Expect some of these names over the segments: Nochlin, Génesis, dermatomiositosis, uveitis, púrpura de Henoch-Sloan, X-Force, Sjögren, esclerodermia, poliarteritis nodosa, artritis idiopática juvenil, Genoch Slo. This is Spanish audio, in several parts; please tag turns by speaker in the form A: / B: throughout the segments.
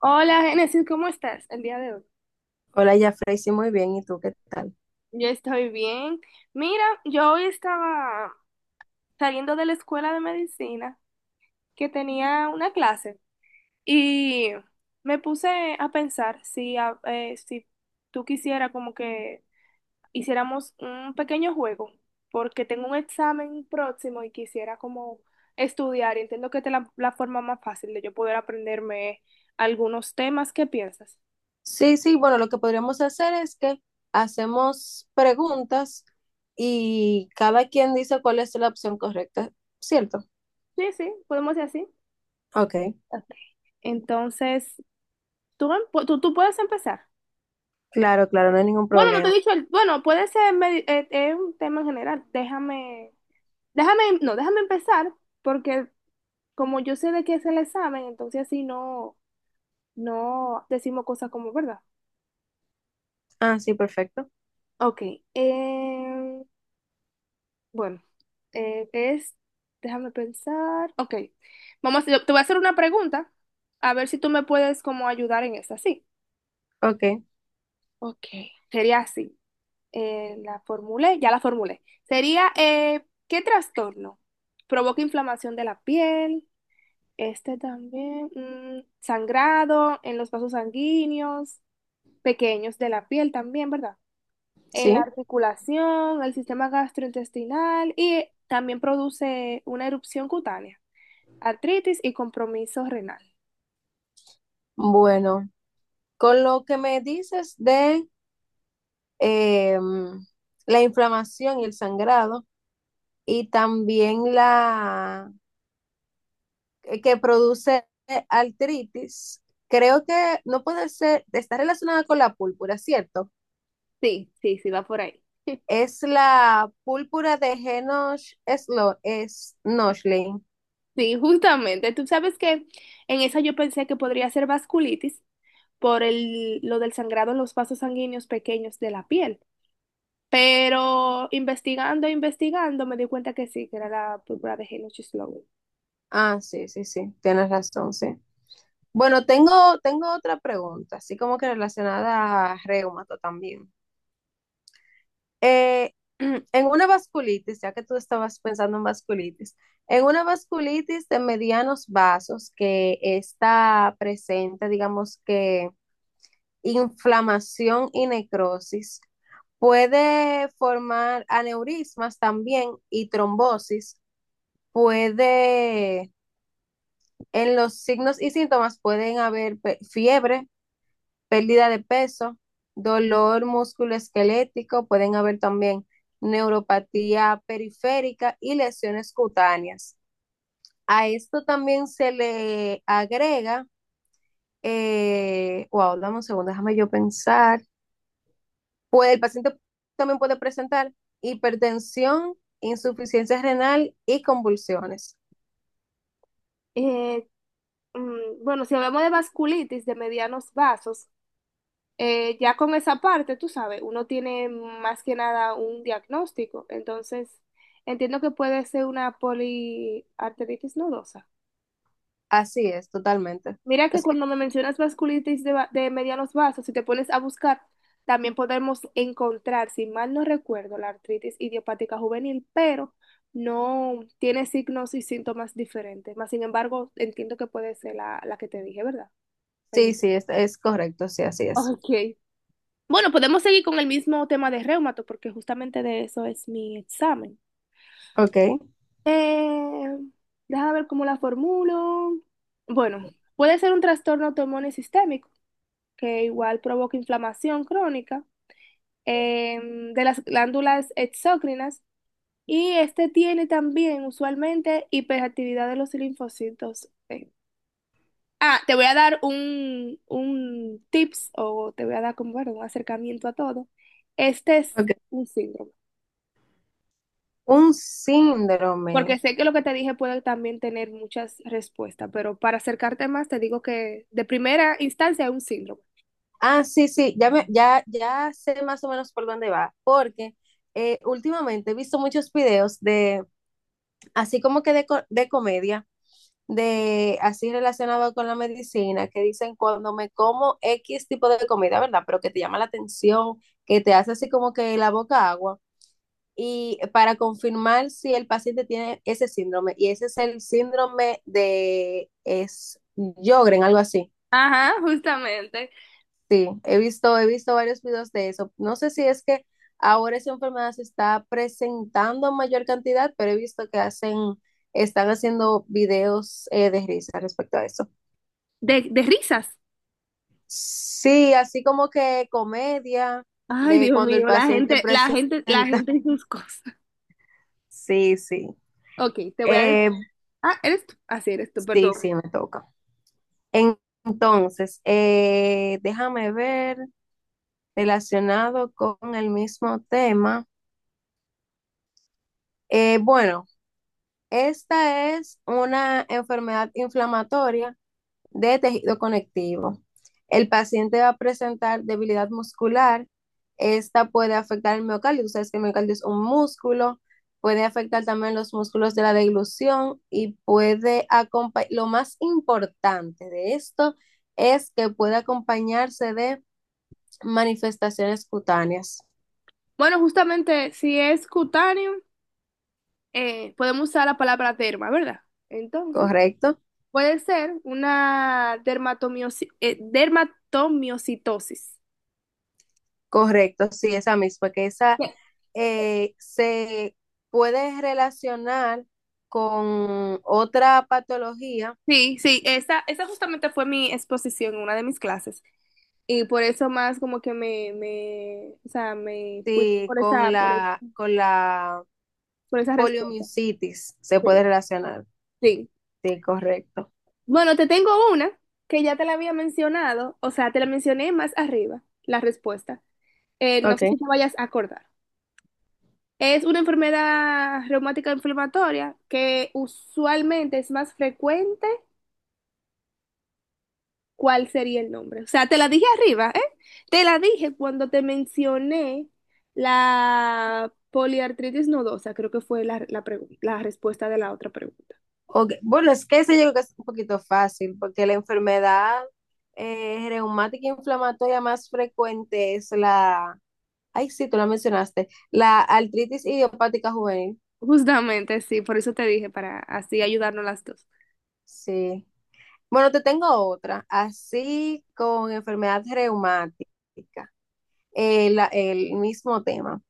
A: Hola, Génesis, ¿cómo estás el día de hoy?
B: Hola, Jafrey, sí, muy bien. ¿Y tú qué tal?
A: Yo estoy bien. Mira, yo hoy estaba saliendo de la escuela de medicina que tenía una clase y me puse a pensar si, si tú quisieras como que hiciéramos un pequeño juego, porque tengo un examen próximo y quisiera como estudiar. Y Entiendo que esta es la forma más fácil de yo poder aprenderme algunos temas. ¿Qué piensas?
B: Sí, sí, bueno, lo que podríamos hacer es que hacemos preguntas y cada quien dice cuál es la opción correcta, ¿cierto?
A: Sí, sí, podemos hacer así.
B: Ok,
A: Ok. Entonces, tú puedes empezar.
B: claro, claro, no hay ningún
A: Bueno, no te he
B: problema.
A: dicho bueno, puede ser, es un tema en general. Déjame, déjame, no, déjame empezar, porque como yo sé de qué es el examen, entonces así no, no decimos cosas como verdad.
B: Ah, sí, perfecto.
A: Ok, eh, bueno, es, déjame pensar. Ok, te voy a hacer una pregunta, a ver si tú me puedes como ayudar en esa, sí.
B: Ok,
A: Ok, sería así. Ya la formulé. Sería, ¿qué trastorno provoca inflamación de la piel, sangrado en los vasos sanguíneos pequeños de la piel también, ¿verdad? En la
B: sí.
A: articulación, el sistema gastrointestinal, y también produce una erupción cutánea, artritis y compromiso renal?
B: Bueno, con lo que me dices de em, la inflamación y el sangrado, y también la que produce artritis. Creo que no puede ser, está relacionada con la púrpura, ¿cierto?
A: Sí, sí, sí, va por ahí.
B: Es la púrpura de Genoch es Nochlin.
A: Sí, justamente. Tú sabes que en esa yo pensé que podría ser vasculitis por lo del sangrado en los vasos sanguíneos pequeños de la piel. Pero investigando, me di cuenta que sí, que era la púrpura de Henoch-Sloan.
B: Ah, sí, sí, sí, tienes razón, sí. Bueno, tengo otra pregunta, así como que relacionada a reumato también. Eh, en una vasculitis, ya que tú estabas pensando en vasculitis, en una vasculitis de medianos vasos que está presente, digamos que inflamación y necrosis, puede formar aneurismas también y trombosis, puede, en los signos y síntomas pueden haber fiebre, pérdida de peso, dolor musculoesquelético, pueden haber también neuropatía periférica y lesiones cutáneas. A esto también se le agrega, wow, dame un segundo, déjame yo pensar. El paciente también puede presentar hipertensión, insuficiencia renal y convulsiones.
A: Eh, bueno, si hablamos de vasculitis de medianos vasos, ya con esa parte, tú sabes, uno tiene más que nada un diagnóstico. Entonces, entiendo que puede ser una poliarteritis nodosa.
B: Así es, totalmente.
A: Mira que
B: Es-
A: cuando me mencionas vasculitis de medianos vasos, si te pones a buscar, también podemos encontrar, si mal no recuerdo, la artritis idiopática juvenil, pero no tiene signos y síntomas diferentes. Más sin embargo, entiendo que puede ser la que te dije, ¿verdad? Me
B: sí,
A: dijiste.
B: sí, es correcto, sí, así es.
A: Ok. Bueno, podemos seguir con el mismo tema de reumato, porque justamente de eso es mi examen.
B: Ok,
A: Eh, Déjame ver cómo la formulo. Bueno, puede ser un trastorno autoinmune sistémico que igual provoca inflamación crónica de las glándulas exócrinas, y este tiene también usualmente hiperactividad de los linfocitos T. Ah, te voy a dar un tips, o te voy a dar como, bueno, un acercamiento a todo. Este es
B: ok.
A: un síndrome,
B: Un
A: porque
B: síndrome.
A: sé que lo que te dije puede también tener muchas respuestas, pero para acercarte más te digo que de primera instancia es un síndrome.
B: Ah, sí, sí, ya, ya sé más o menos por dónde va, porque últimamente he visto muchos videos de, así como que de, de comedia, de así relacionado con la medicina, que dicen cuando me como X tipo de comida, ¿verdad? Pero que te llama la atención, que te hace así como que la boca agua, y para confirmar si el paciente tiene ese síndrome, y ese es el síndrome de Sjögren, algo así.
A: Ajá, justamente.
B: Sí, he visto varios videos de eso. No sé si es que ahora esa enfermedad se está presentando en mayor cantidad, pero he visto que están haciendo videos de risa respecto a eso.
A: De risas.
B: Sí, así como que comedia
A: Ay,
B: de
A: Dios
B: cuando el
A: mío, la
B: paciente
A: gente, la gente, la
B: presenta.
A: gente y sus cosas.
B: Sí, sí.
A: Ok, te voy a decir.
B: Eh,
A: Ah, eres tú. Así eres tú,
B: sí,
A: perdón.
B: sí, me toca. En- entonces, déjame ver relacionado con el mismo tema. Bueno. Esta es una enfermedad inflamatoria de tejido conectivo. El paciente va a presentar debilidad muscular. Esta puede afectar el miocardio. Tú sabes que el miocardio es un músculo. Puede afectar también los músculos de la deglución y puede acompañar. Lo más importante de esto es que puede acompañarse de manifestaciones cutáneas.
A: Bueno, justamente si es cutáneo, podemos usar la palabra derma, ¿verdad? Entonces,
B: ¿Correcto?
A: puede ser una dermatomiositosis.
B: Correcto, sí, esa misma, que esa se puede relacionar con otra patología,
A: Sí, sí, esa justamente fue mi exposición en una de mis clases. Y por eso más como que me, o sea, me fui
B: sí,
A: por esa,
B: con la
A: por esa respuesta.
B: poliomielitis se
A: Sí,
B: puede relacionar.
A: sí.
B: Sí, correcto.
A: Bueno, te tengo una que ya te la había mencionado, o sea, te la mencioné más arriba, la respuesta. No sé
B: Okay.
A: si te vayas a acordar. Es una enfermedad reumática inflamatoria que usualmente es más frecuente. ¿Cuál sería el nombre? O sea, te la dije arriba, ¿eh? Te la dije cuando te mencioné la poliartritis nodosa, creo que fue la respuesta de la otra pregunta.
B: Okay. Bueno, es que ese yo creo que es un poquito fácil, porque la enfermedad reumática inflamatoria más frecuente es la, ay, sí, tú la mencionaste, la artritis idiopática juvenil.
A: Justamente, sí, por eso te dije, para así ayudarnos las dos.
B: Sí. Bueno, te tengo otra, así con enfermedad reumática, el mismo tema.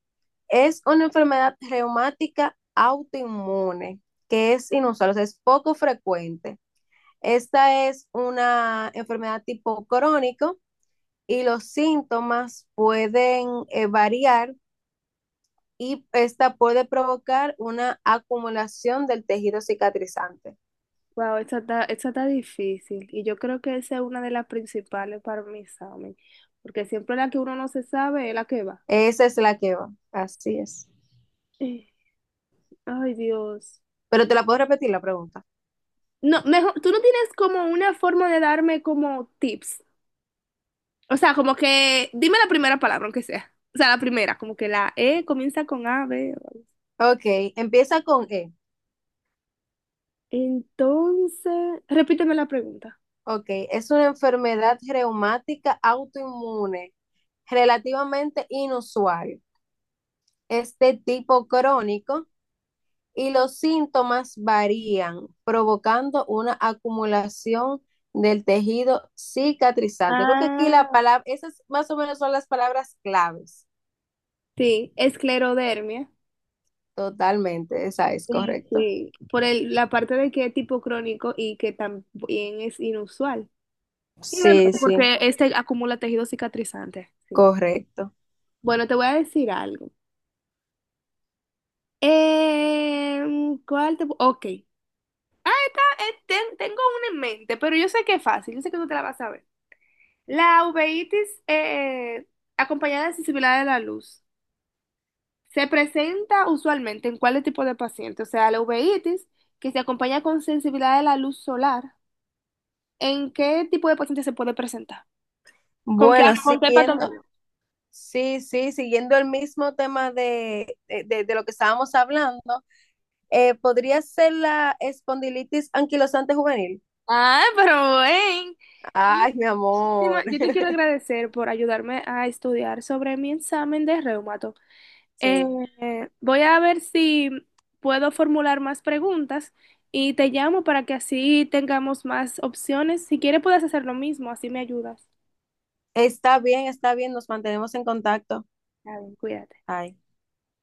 B: Es una enfermedad reumática autoinmune, que es inusual, o sea, es poco frecuente. Esta es una enfermedad tipo crónico y los síntomas pueden variar y esta puede provocar una acumulación del tejido cicatrizante.
A: Wow, esa está difícil. Y yo creo que esa es una de las principales para mi examen. Porque siempre la que uno no se sabe es la que va.
B: Esa es la que va, así es.
A: Eh, Ay, Dios.
B: Pero te la puedo repetir la pregunta.
A: No, mejor, tú no tienes como una forma de darme como tips. O sea, como que, dime la primera palabra, aunque sea. O sea, la primera, como que la E comienza con A, B. o
B: Ok, empieza con E.
A: Entonces, repíteme la pregunta.
B: Ok, es una enfermedad reumática autoinmune relativamente inusual. Es de tipo crónico y los síntomas varían, provocando una acumulación del tejido cicatrizante. Creo que aquí la
A: Ah,
B: palabra, esas más o menos son las palabras claves.
A: sí, esclerodermia.
B: Totalmente, esa es
A: Sí,
B: correcto.
A: sí, por la parte de que es tipo crónico y que también es inusual. Y bueno,
B: Sí, sí,
A: porque este acumula tejido cicatrizante. Sí.
B: correcto.
A: Bueno, te voy a decir algo. Ok. Ah, esta, tengo una en mente, pero yo sé que es fácil, yo sé que tú te la vas a ver. La uveitis acompañada de sensibilidad de la luz se presenta usualmente en cuál tipo de paciente. O sea, la uveitis que se acompaña con sensibilidad de la luz solar, ¿en qué tipo de paciente se puede presentar?
B: Bueno,
A: Con qué
B: siguiendo.
A: patología?
B: Sí, sí, siguiendo el mismo tema de lo que estábamos hablando, podría ser la espondilitis anquilosante juvenil.
A: Ah, pero ven.
B: Ay, mi
A: Muchísima-
B: amor.
A: Yo te quiero agradecer por ayudarme a estudiar sobre mi examen de reumato. Eh,
B: Sí,
A: Voy a ver si puedo formular más preguntas y te llamo para que así tengamos más opciones. Si quieres, puedes hacer lo mismo, así me ayudas.
B: está bien, nos mantenemos en contacto.
A: Está bien, cuídate.
B: Ay.